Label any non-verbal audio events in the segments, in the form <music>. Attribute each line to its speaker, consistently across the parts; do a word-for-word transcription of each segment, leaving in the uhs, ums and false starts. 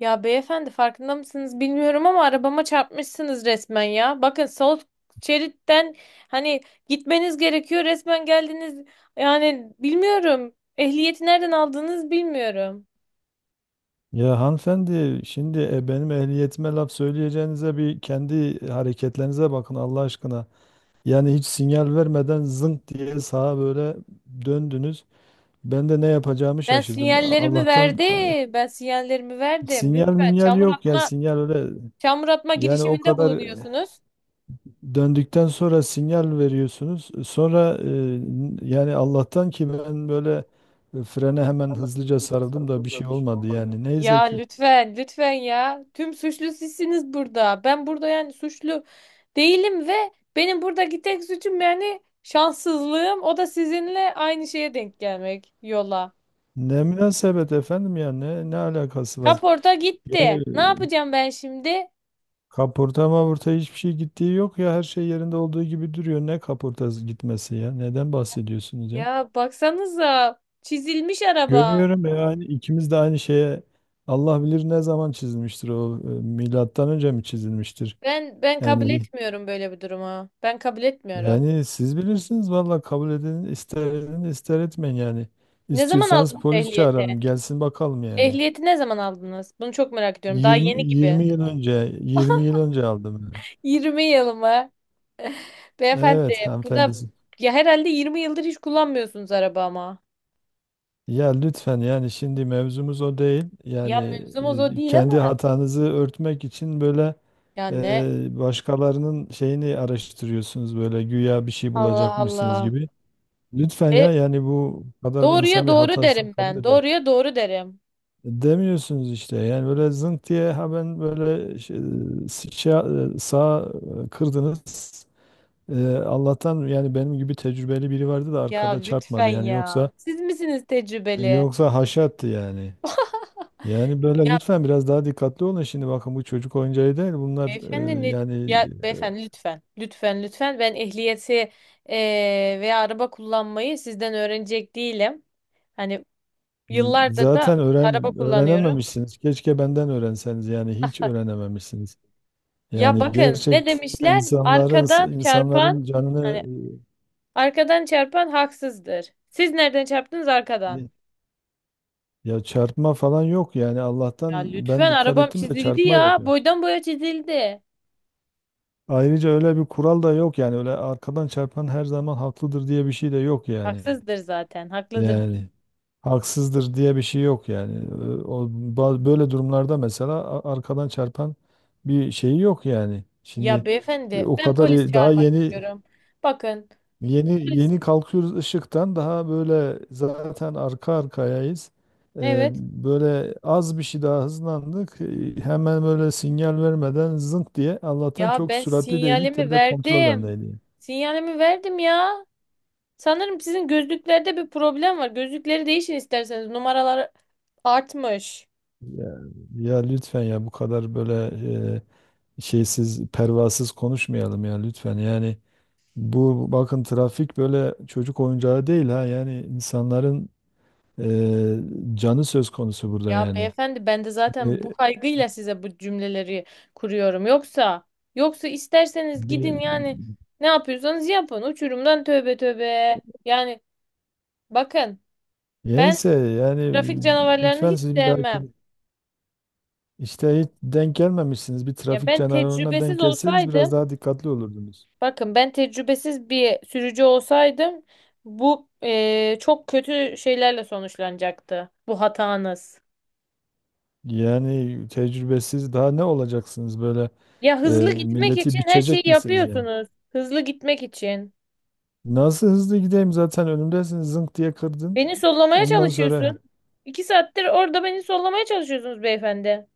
Speaker 1: Ya beyefendi farkında mısınız bilmiyorum ama arabama çarpmışsınız resmen ya. Bakın sol şeritten hani gitmeniz gerekiyor resmen geldiniz. Yani bilmiyorum. Ehliyeti nereden aldığınız bilmiyorum.
Speaker 2: Ya hanımefendi şimdi e, benim ehliyetime laf söyleyeceğinize bir kendi hareketlerinize bakın Allah aşkına. Yani hiç sinyal vermeden zınk diye sağa böyle döndünüz. Ben de ne yapacağımı
Speaker 1: Ben
Speaker 2: şaşırdım. A-
Speaker 1: sinyallerimi
Speaker 2: Allah'tan a,
Speaker 1: verdim. Ben sinyallerimi verdim.
Speaker 2: sinyal
Speaker 1: Lütfen
Speaker 2: minyal
Speaker 1: çamur
Speaker 2: yok ya
Speaker 1: atma,
Speaker 2: sinyal öyle
Speaker 1: çamur atma
Speaker 2: yani o
Speaker 1: girişiminde
Speaker 2: kadar e,
Speaker 1: bulunuyorsunuz.
Speaker 2: döndükten sonra sinyal veriyorsunuz. Sonra e, n- yani Allah'tan ki ben böyle e, frene hemen hızlıca sarıldım da bir şey olmadı yani. Neyse
Speaker 1: Ya
Speaker 2: ki.
Speaker 1: lütfen, lütfen ya. Tüm suçlu sizsiniz burada. Ben burada yani suçlu değilim ve benim buradaki tek suçum yani şanssızlığım. O da sizinle aynı şeye denk gelmek yola.
Speaker 2: Ne münasebet efendim ya ne ne alakası var?
Speaker 1: Kaporta
Speaker 2: Yani e,
Speaker 1: gitti. Ne yapacağım ben şimdi?
Speaker 2: kaporta mavurta hiçbir şey gittiği yok ya her şey yerinde olduğu gibi duruyor. Ne kaportası gitmesi ya? Neden bahsediyorsunuz ya?
Speaker 1: Ya baksanıza çizilmiş araba.
Speaker 2: Görüyorum ya aynı ikimiz de aynı şeye Allah bilir ne zaman çizilmiştir o e, milattan önce mi çizilmiştir?
Speaker 1: Ben ben kabul
Speaker 2: Yani
Speaker 1: etmiyorum böyle bir durumu. Ben kabul etmiyorum.
Speaker 2: yani siz bilirsiniz valla kabul edin ister edin ister etmeyin yani.
Speaker 1: Ne zaman
Speaker 2: İstiyorsanız
Speaker 1: aldınız
Speaker 2: polis
Speaker 1: ehliyeti?
Speaker 2: çağıralım gelsin bakalım yani.
Speaker 1: Ehliyeti ne zaman aldınız? Bunu çok merak ediyorum. Daha
Speaker 2: 20
Speaker 1: yeni gibi.
Speaker 2: 20 yıl önce yirmi yıl önce aldım, yani.
Speaker 1: <laughs> Yirmi yıl mı? Beyefendi
Speaker 2: Evet
Speaker 1: buna
Speaker 2: hanımefendisi.
Speaker 1: ya herhalde yirmi yıldır hiç kullanmıyorsunuz araba ama.
Speaker 2: Ya lütfen yani şimdi mevzumuz o değil. Yani
Speaker 1: Ya mevzumuz o
Speaker 2: e,
Speaker 1: değil ama.
Speaker 2: kendi hatanızı örtmek için böyle
Speaker 1: Ya ne?
Speaker 2: e, başkalarının şeyini araştırıyorsunuz böyle güya bir şey
Speaker 1: Allah
Speaker 2: bulacakmışsınız
Speaker 1: Allah.
Speaker 2: gibi. Lütfen
Speaker 1: E,
Speaker 2: ya yani bu kadar
Speaker 1: doğruya
Speaker 2: insan bir
Speaker 1: doğru
Speaker 2: hatasını
Speaker 1: derim
Speaker 2: kabul
Speaker 1: ben.
Speaker 2: eder.
Speaker 1: Doğruya doğru derim.
Speaker 2: Demiyorsunuz işte yani böyle zınk diye ha ben böyle şey, şey- sağa kırdınız. E, Allah'tan yani benim gibi tecrübeli biri vardı da
Speaker 1: Ya
Speaker 2: arkada
Speaker 1: lütfen
Speaker 2: çarpmadı yani yoksa
Speaker 1: ya. Siz misiniz tecrübeli?
Speaker 2: yoksa haşat yani. Yani böyle
Speaker 1: Ya
Speaker 2: lütfen biraz daha dikkatli olun. Şimdi bakın bu çocuk oyuncağı değil. Bunlar
Speaker 1: beyefendi
Speaker 2: e,
Speaker 1: ne?
Speaker 2: yani
Speaker 1: Ya beyefendi lütfen. Lütfen lütfen. Ben ehliyeti e, veya araba kullanmayı sizden öğrenecek değilim. Hani
Speaker 2: e,
Speaker 1: yıllardır da
Speaker 2: zaten
Speaker 1: araba
Speaker 2: öğren
Speaker 1: kullanıyorum.
Speaker 2: öğrenememişsiniz. Keşke benden öğrenseniz. Yani hiç öğrenememişsiniz.
Speaker 1: Ya
Speaker 2: Yani
Speaker 1: bakın ne
Speaker 2: gerçekten
Speaker 1: demişler?
Speaker 2: insanların
Speaker 1: Arkadan çarpan
Speaker 2: insanların
Speaker 1: hani
Speaker 2: canını
Speaker 1: arkadan çarpan haksızdır. Siz nereden çarptınız arkadan?
Speaker 2: e, ya çarpma falan yok yani.
Speaker 1: Ya
Speaker 2: Allah'tan ben
Speaker 1: lütfen
Speaker 2: dikkat
Speaker 1: arabam
Speaker 2: ettim de
Speaker 1: çizildi
Speaker 2: çarpma yok.
Speaker 1: ya. Boydan boya çizildi.
Speaker 2: Ayrıca öyle bir kural da yok yani. Öyle arkadan çarpan her zaman haklıdır diye bir şey de yok yani.
Speaker 1: Haksızdır zaten. Haklıdır.
Speaker 2: Yani haksızdır diye bir şey yok yani. Ee, O, ba- böyle durumlarda mesela a- arkadan çarpan bir şeyi yok yani.
Speaker 1: Ya
Speaker 2: Şimdi e,
Speaker 1: beyefendi
Speaker 2: o
Speaker 1: ben
Speaker 2: kadar
Speaker 1: polis
Speaker 2: ye- daha
Speaker 1: çağırmak
Speaker 2: yeni
Speaker 1: istiyorum. Bakın
Speaker 2: yeni
Speaker 1: polis
Speaker 2: yeni kalkıyoruz ışıktan daha böyle zaten arka arkayayız. Ee,
Speaker 1: evet.
Speaker 2: Böyle az bir şey daha hızlandık. Ee, Hemen böyle sinyal vermeden zınk diye Allah'tan
Speaker 1: Ya
Speaker 2: çok
Speaker 1: ben
Speaker 2: süratli değildik de
Speaker 1: sinyalimi
Speaker 2: bir de kontrol
Speaker 1: verdim.
Speaker 2: bendeydi, yani.
Speaker 1: Sinyalimi verdim ya. Sanırım sizin gözlüklerde bir problem var. Gözlükleri değişin isterseniz. Numaralar artmış.
Speaker 2: Ya, ya lütfen ya bu kadar böyle e, şeysiz, pervasız konuşmayalım ya lütfen. Yani bu bakın trafik böyle çocuk oyuncağı değil ha. Yani insanların e, canı söz konusu burada
Speaker 1: Ya
Speaker 2: yani.
Speaker 1: beyefendi ben de
Speaker 2: E,
Speaker 1: zaten bu kaygıyla size bu cümleleri kuruyorum. Yoksa yoksa isterseniz gidin
Speaker 2: bir,
Speaker 1: yani ne yapıyorsanız yapın. Uçurumdan tövbe tövbe. Yani bakın ben
Speaker 2: yense yani
Speaker 1: trafik canavarlarını
Speaker 2: lütfen
Speaker 1: hiç
Speaker 2: siz bir dahaki
Speaker 1: sevmem.
Speaker 2: işte hiç denk gelmemişsiniz. Bir
Speaker 1: Ya
Speaker 2: trafik
Speaker 1: ben
Speaker 2: canavarına denk
Speaker 1: tecrübesiz
Speaker 2: gelseniz
Speaker 1: olsaydım
Speaker 2: biraz daha dikkatli olurdunuz.
Speaker 1: bakın ben tecrübesiz bir sürücü olsaydım bu eee, çok kötü şeylerle sonuçlanacaktı bu hatanız.
Speaker 2: Yani tecrübesiz daha ne olacaksınız böyle
Speaker 1: Ya
Speaker 2: e,
Speaker 1: hızlı gitmek için
Speaker 2: milleti
Speaker 1: her
Speaker 2: biçecek
Speaker 1: şeyi
Speaker 2: misiniz yani?
Speaker 1: yapıyorsunuz. Hızlı gitmek için.
Speaker 2: Nasıl hızlı gideyim zaten önümdesin zınk diye kırdın.
Speaker 1: Beni sollamaya
Speaker 2: Ondan
Speaker 1: çalışıyorsun.
Speaker 2: sonra
Speaker 1: İki saattir orada beni sollamaya çalışıyorsunuz beyefendi.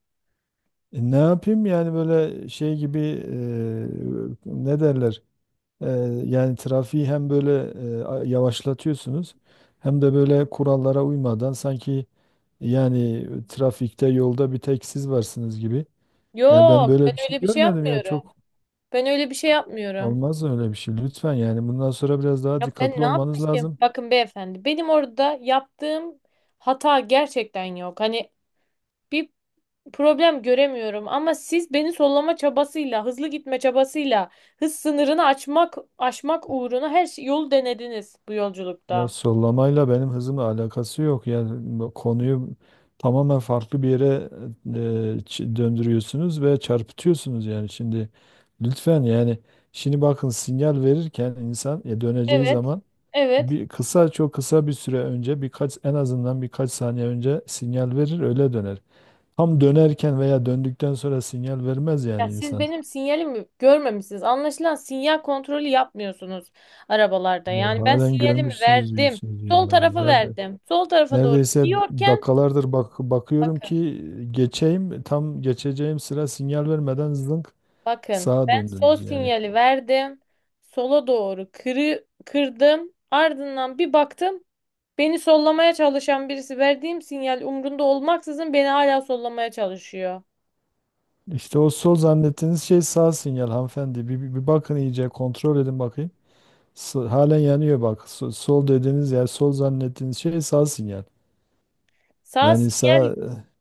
Speaker 2: e, ne yapayım yani böyle şey gibi e, ne derler? E, yani trafiği hem böyle e, a- yavaşlatıyorsunuz hem de böyle kurallara uymadan sanki yani trafikte yolda bir tek siz varsınız gibi. Ya ben
Speaker 1: Yok,
Speaker 2: böyle
Speaker 1: ben
Speaker 2: bir şey
Speaker 1: öyle bir şey
Speaker 2: görmedim ya
Speaker 1: yapmıyorum.
Speaker 2: çok
Speaker 1: Ben öyle bir şey yapmıyorum.
Speaker 2: olmaz öyle bir şey. Lütfen yani bundan sonra biraz daha
Speaker 1: Ya ben
Speaker 2: dikkatli
Speaker 1: ne
Speaker 2: olmanız
Speaker 1: yapmışım?
Speaker 2: lazım.
Speaker 1: Bakın beyefendi, benim orada yaptığım hata gerçekten yok. Hani bir problem göremiyorum ama siz beni sollama çabasıyla, hızlı gitme çabasıyla, hız sınırını açmak aşmak uğruna her şey, yol denediniz bu
Speaker 2: Ya
Speaker 1: yolculukta.
Speaker 2: sollamayla benim hızımla alakası yok. Yani bu konuyu tamamen farklı bir yere e, ç- döndürüyorsunuz ve çarpıtıyorsunuz yani şimdi lütfen yani şimdi bakın sinyal verirken insan e, döneceği
Speaker 1: Evet.
Speaker 2: zaman
Speaker 1: Evet.
Speaker 2: bir kısa çok kısa bir süre önce birkaç en azından birkaç saniye önce sinyal verir öyle döner. Tam dönerken veya döndükten sonra sinyal vermez yani
Speaker 1: Ya siz
Speaker 2: insan.
Speaker 1: benim sinyalimi görmemişsiniz. Anlaşılan sinyal kontrolü yapmıyorsunuz arabalarda.
Speaker 2: Ya
Speaker 1: Yani ben
Speaker 2: halen
Speaker 1: sinyalimi
Speaker 2: görmüşsünüz
Speaker 1: verdim.
Speaker 2: diyorsunuz
Speaker 1: Sol
Speaker 2: ya.
Speaker 1: tarafa
Speaker 2: Zaten
Speaker 1: verdim. Sol tarafa doğru
Speaker 2: neredeyse
Speaker 1: gidiyorken
Speaker 2: dakikalardır bak bakıyorum
Speaker 1: bakın,
Speaker 2: ki geçeyim tam geçeceğim sıra sinyal vermeden zınk
Speaker 1: bakın
Speaker 2: sağa
Speaker 1: ben sol
Speaker 2: döndünüz yani.
Speaker 1: sinyali verdim. Sola doğru kırı, kırdım. Ardından bir baktım. Beni sollamaya çalışan birisi verdiğim sinyal umrunda olmaksızın beni hala sollamaya çalışıyor.
Speaker 2: İşte o sol zannettiğiniz şey sağ sinyal hanımefendi. Bir, bir, bir bakın iyice kontrol edin bakayım. S- halen yanıyor bak. So- sol dediğiniz yer sol zannettiğiniz şey sağ sinyal.
Speaker 1: Sağ
Speaker 2: Yani
Speaker 1: sinyal
Speaker 2: sağ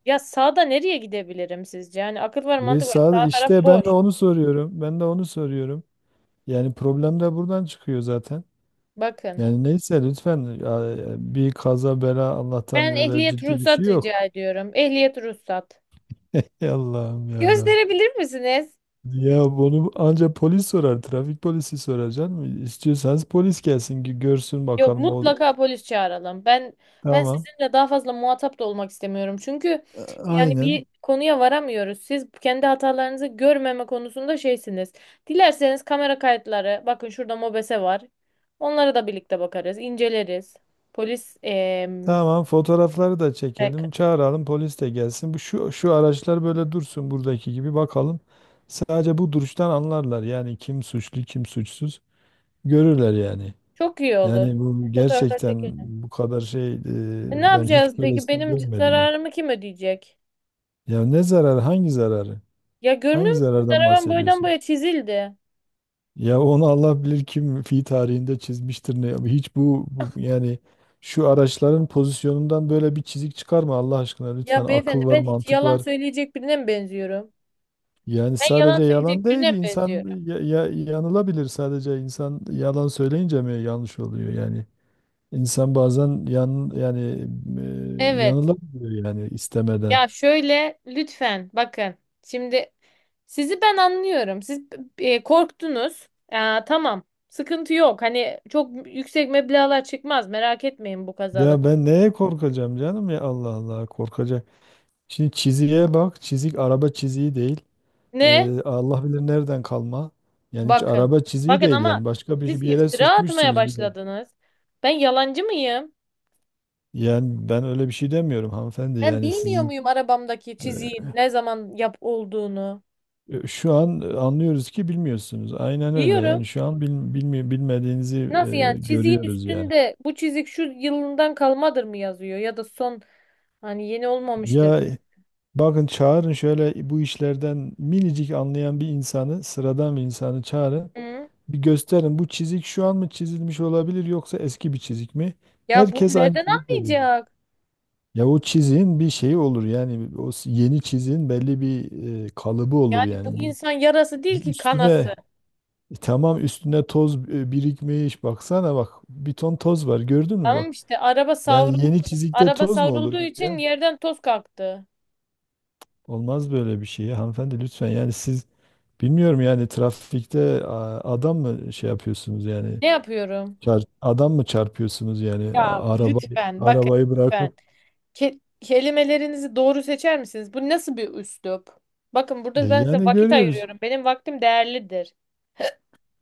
Speaker 1: ya sağda nereye gidebilirim sizce? Yani akıl var
Speaker 2: e,
Speaker 1: mantık var.
Speaker 2: sağ
Speaker 1: Sağ taraf
Speaker 2: işte ben
Speaker 1: boş.
Speaker 2: de onu soruyorum. Ben de onu soruyorum. Yani problem de buradan çıkıyor zaten.
Speaker 1: Bakın.
Speaker 2: Yani neyse lütfen ya, bir kaza bela Allah'tan
Speaker 1: Ben
Speaker 2: öyle
Speaker 1: ehliyet
Speaker 2: ciddi bir şey
Speaker 1: ruhsat
Speaker 2: yok.
Speaker 1: rica ediyorum. Ehliyet ruhsat.
Speaker 2: <laughs> Allah'ım ya Rabbi.
Speaker 1: Gösterebilir misiniz?
Speaker 2: Ya bunu ancak polis sorar. Trafik polisi sorar canım. İstiyorsanız polis gelsin ki görsün
Speaker 1: Yok
Speaker 2: bakalım o.
Speaker 1: mutlaka polis çağıralım. Ben ben
Speaker 2: Tamam.
Speaker 1: sizinle daha fazla muhatap da olmak istemiyorum. Çünkü
Speaker 2: A-
Speaker 1: yani
Speaker 2: aynen.
Speaker 1: bir konuya varamıyoruz. Siz kendi hatalarınızı görmeme konusunda şeysiniz. Dilerseniz kamera kayıtları, bakın şurada MOBESE var. Onlara da birlikte bakarız, inceleriz. Polis em,
Speaker 2: Tamam fotoğrafları da
Speaker 1: rek-
Speaker 2: çekelim. Çağıralım polis de gelsin. Bu şu şu araçlar böyle dursun buradaki gibi bakalım. Sadece bu duruştan anlarlar. Yani kim suçlu kim suçsuz görürler yani.
Speaker 1: çok iyi olur.
Speaker 2: Yani bu
Speaker 1: Fotoğraflar
Speaker 2: gerçekten
Speaker 1: çekelim.
Speaker 2: bu kadar şey e,
Speaker 1: E, ne
Speaker 2: ben
Speaker 1: yapacağız
Speaker 2: hiç
Speaker 1: peki?
Speaker 2: böylesini
Speaker 1: Benim c-
Speaker 2: görmedim ya.
Speaker 1: zararımı kim ödeyecek?
Speaker 2: Ya ne zararı hangi zararı?
Speaker 1: Ya görmüyor
Speaker 2: Hangi
Speaker 1: musun?
Speaker 2: zarardan
Speaker 1: Arabam boydan
Speaker 2: bahsediyorsun?
Speaker 1: boya çizildi.
Speaker 2: Ya onu Allah bilir kim fi tarihinde çizmiştir ne. Hiç bu, bu- yani şu araçların pozisyonundan böyle bir çizik çıkarma Allah aşkına lütfen.
Speaker 1: Ya beyefendi
Speaker 2: Akıl var,
Speaker 1: ben hiç
Speaker 2: mantık
Speaker 1: yalan
Speaker 2: var.
Speaker 1: söyleyecek birine mi benziyorum?
Speaker 2: Yani
Speaker 1: Ben yalan
Speaker 2: sadece yalan
Speaker 1: söyleyecek
Speaker 2: değil
Speaker 1: birine mi benziyorum?
Speaker 2: insan ya, ya- yanılabilir sadece insan yalan söyleyince mi yanlış oluyor yani. İnsan bazen yan yani e,
Speaker 1: Evet.
Speaker 2: yanılabiliyor yani istemeden.
Speaker 1: Ya şöyle lütfen bakın. Şimdi sizi ben anlıyorum. Siz e, korktunuz. Aa, tamam. Sıkıntı yok. Hani çok yüksek meblağlar çıkmaz. Merak etmeyin bu kazada.
Speaker 2: Ya ben neye korkacağım canım ya Allah Allah korkacak. Şimdi çiziğe bak çizik araba çiziği değil.
Speaker 1: Ne?
Speaker 2: Ee, Allah bilir nereden kalma. Yani hiç
Speaker 1: Bakın.
Speaker 2: araba çiziği
Speaker 1: Bakın
Speaker 2: değil
Speaker 1: ama
Speaker 2: yani. Başka bir, şey-
Speaker 1: siz
Speaker 2: bir yere
Speaker 1: iftira atmaya
Speaker 2: sürtmüşsünüz bir yer.
Speaker 1: başladınız. Ben yalancı mıyım?
Speaker 2: Yani ben öyle bir şey demiyorum hanımefendi.
Speaker 1: Ben
Speaker 2: Yani
Speaker 1: bilmiyor
Speaker 2: sizin
Speaker 1: muyum arabamdaki çiziğin ne zaman yap olduğunu?
Speaker 2: e, şu an anlıyoruz ki bilmiyorsunuz. Aynen öyle.
Speaker 1: Diyorum.
Speaker 2: Yani şu an bil, bilmi- bilmediğinizi
Speaker 1: Nasıl
Speaker 2: e,
Speaker 1: yani çiziğin
Speaker 2: görüyoruz yani.
Speaker 1: üstünde bu çizik şu yılından kalmadır mı yazıyor ya da son hani yeni olmamıştır.
Speaker 2: Ya bakın çağırın şöyle bu işlerden minicik anlayan bir insanı, sıradan bir insanı çağırın.
Speaker 1: Hı?
Speaker 2: Bir gösterin bu çizik şu an mı çizilmiş olabilir yoksa eski bir çizik mi?
Speaker 1: Ya bunu
Speaker 2: Herkes aynı
Speaker 1: nereden
Speaker 2: çizik veriyor.
Speaker 1: anlayacak?
Speaker 2: Ya o çizin bir şeyi olur yani o s- yeni çizin belli bir e, kalıbı olur
Speaker 1: Yani bu
Speaker 2: yani bu
Speaker 1: insan yarası değil ki kanası.
Speaker 2: üstüne e, tamam üstüne toz e, birikmiş baksana bak bir ton toz var gördün mü
Speaker 1: Tamam
Speaker 2: bak
Speaker 1: işte araba savrul
Speaker 2: yani yeni çizikte
Speaker 1: araba
Speaker 2: toz mu
Speaker 1: savrulduğu
Speaker 2: olur
Speaker 1: için
Speaker 2: ya
Speaker 1: yerden toz kalktı.
Speaker 2: olmaz böyle bir şey ya hanımefendi lütfen yani siz bilmiyorum yani trafikte a, adam mı şey yapıyorsunuz yani
Speaker 1: Ne yapıyorum?
Speaker 2: çar- adam mı çarpıyorsunuz yani
Speaker 1: Ya
Speaker 2: A- araba
Speaker 1: lütfen bakın
Speaker 2: arabayı bırakıp
Speaker 1: lütfen. Ke- kelimelerinizi doğru seçer misiniz? Bu nasıl bir üslup? Bakın
Speaker 2: E,
Speaker 1: burada ben size
Speaker 2: yani
Speaker 1: vakit
Speaker 2: görüyoruz
Speaker 1: ayırıyorum. Benim vaktim değerlidir.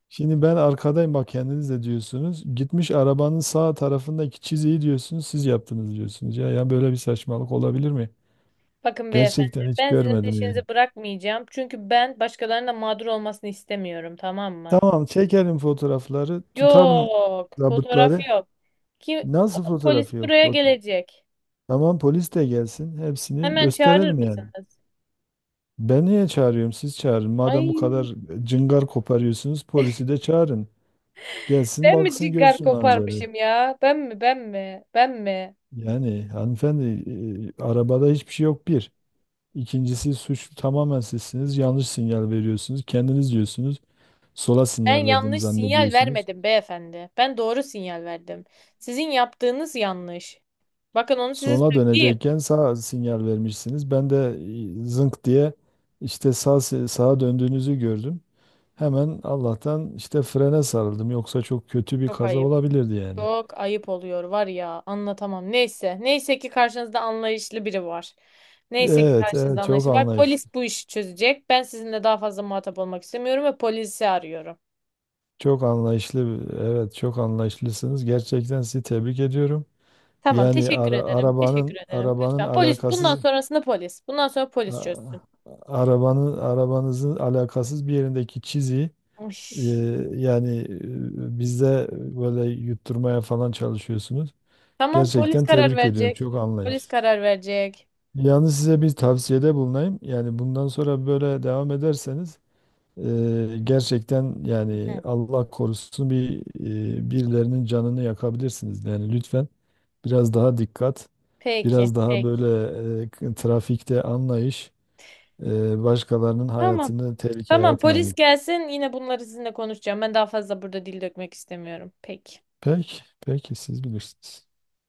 Speaker 2: şimdi ben arkadayım bak kendiniz de diyorsunuz. Gitmiş arabanın sağ tarafındaki çiziyi diyorsunuz siz yaptınız diyorsunuz. Ya, ya böyle bir saçmalık olabilir mi?
Speaker 1: Bakın beyefendi,
Speaker 2: Gerçekten hiç
Speaker 1: ben sizin
Speaker 2: görmedim
Speaker 1: peşinizi
Speaker 2: yani.
Speaker 1: bırakmayacağım. Çünkü ben başkalarının da mağdur olmasını istemiyorum, tamam mı?
Speaker 2: Tamam çekelim fotoğrafları tutalım
Speaker 1: Yok, fotoğraf
Speaker 2: zabıtları.
Speaker 1: yok. Kim
Speaker 2: Nasıl
Speaker 1: polis
Speaker 2: fotoğrafı yok?
Speaker 1: buraya
Speaker 2: Fo-
Speaker 1: gelecek?
Speaker 2: Tamam polis de gelsin hepsini
Speaker 1: Hemen çağırır
Speaker 2: gösterelim yani.
Speaker 1: mısınız?
Speaker 2: Ben niye çağırıyorum siz çağırın. Madem bu
Speaker 1: Ay,
Speaker 2: kadar cıngar koparıyorsunuz polisi de çağırın. Gelsin
Speaker 1: ben mi
Speaker 2: baksın
Speaker 1: cigar
Speaker 2: görsün manzarayı.
Speaker 1: koparmışım ya? Ben mi, ben mi, ben mi?
Speaker 2: Yani hanımefendi e, arabada hiçbir şey yok bir. İkincisi suçlu tamamen sizsiniz. Yanlış sinyal veriyorsunuz. Kendiniz diyorsunuz. Sola
Speaker 1: Ben
Speaker 2: sinyal verdim
Speaker 1: yanlış sinyal
Speaker 2: zannediyorsunuz.
Speaker 1: vermedim beyefendi. Ben doğru sinyal verdim. Sizin yaptığınız yanlış. Bakın onu size
Speaker 2: Sola
Speaker 1: söyleyeyim.
Speaker 2: dönecekken sağ sinyal vermişsiniz. Ben de e, zınk diye işte sağ, se- sağa döndüğünüzü gördüm. Hemen Allah'tan işte frene sarıldım. Yoksa çok kötü bir
Speaker 1: Çok
Speaker 2: kaza
Speaker 1: ayıp.
Speaker 2: olabilirdi yani.
Speaker 1: Çok ayıp oluyor var ya anlatamam. Neyse. Neyse ki karşınızda anlayışlı biri var. Neyse ki
Speaker 2: Evet,
Speaker 1: karşınızda
Speaker 2: evet çok
Speaker 1: anlayışlı var.
Speaker 2: anlayışlı.
Speaker 1: Polis bu işi çözecek. Ben sizinle daha fazla muhatap olmak istemiyorum ve polisi arıyorum.
Speaker 2: Çok anlayışlı. Evet, çok anlayışlısınız. Gerçekten sizi tebrik ediyorum.
Speaker 1: Tamam,
Speaker 2: Yani
Speaker 1: teşekkür
Speaker 2: ara-
Speaker 1: ederim. Teşekkür
Speaker 2: arabanın
Speaker 1: ederim.
Speaker 2: arabanın
Speaker 1: Lütfen. Polis, bundan
Speaker 2: alakasız
Speaker 1: sonrasında polis. Bundan sonra polis
Speaker 2: A-
Speaker 1: çözsün.
Speaker 2: Arabanın arabanızın alakasız bir yerindeki çizi
Speaker 1: Uy.
Speaker 2: e, yani e, bizde böyle yutturmaya falan çalışıyorsunuz.
Speaker 1: Tamam, polis
Speaker 2: Gerçekten
Speaker 1: karar
Speaker 2: tebrik ediyorum.
Speaker 1: verecek.
Speaker 2: Çok
Speaker 1: Polis
Speaker 2: anlayış.
Speaker 1: karar verecek.
Speaker 2: Yalnız size bir tavsiyede bulunayım. Yani bundan sonra böyle devam ederseniz e, gerçekten yani
Speaker 1: Hı.
Speaker 2: Allah korusun bir e, birilerinin canını yakabilirsiniz. Yani lütfen biraz daha dikkat,
Speaker 1: Peki,
Speaker 2: biraz daha
Speaker 1: peki.
Speaker 2: böyle e, trafikte anlayış. Ee, başkalarının
Speaker 1: Tamam.
Speaker 2: hayatını tehlikeye
Speaker 1: Tamam, polis
Speaker 2: atmayın.
Speaker 1: gelsin. Yine bunları sizinle konuşacağım. Ben daha fazla burada dil dökmek istemiyorum. Peki.
Speaker 2: Peki, peki siz bilirsiniz.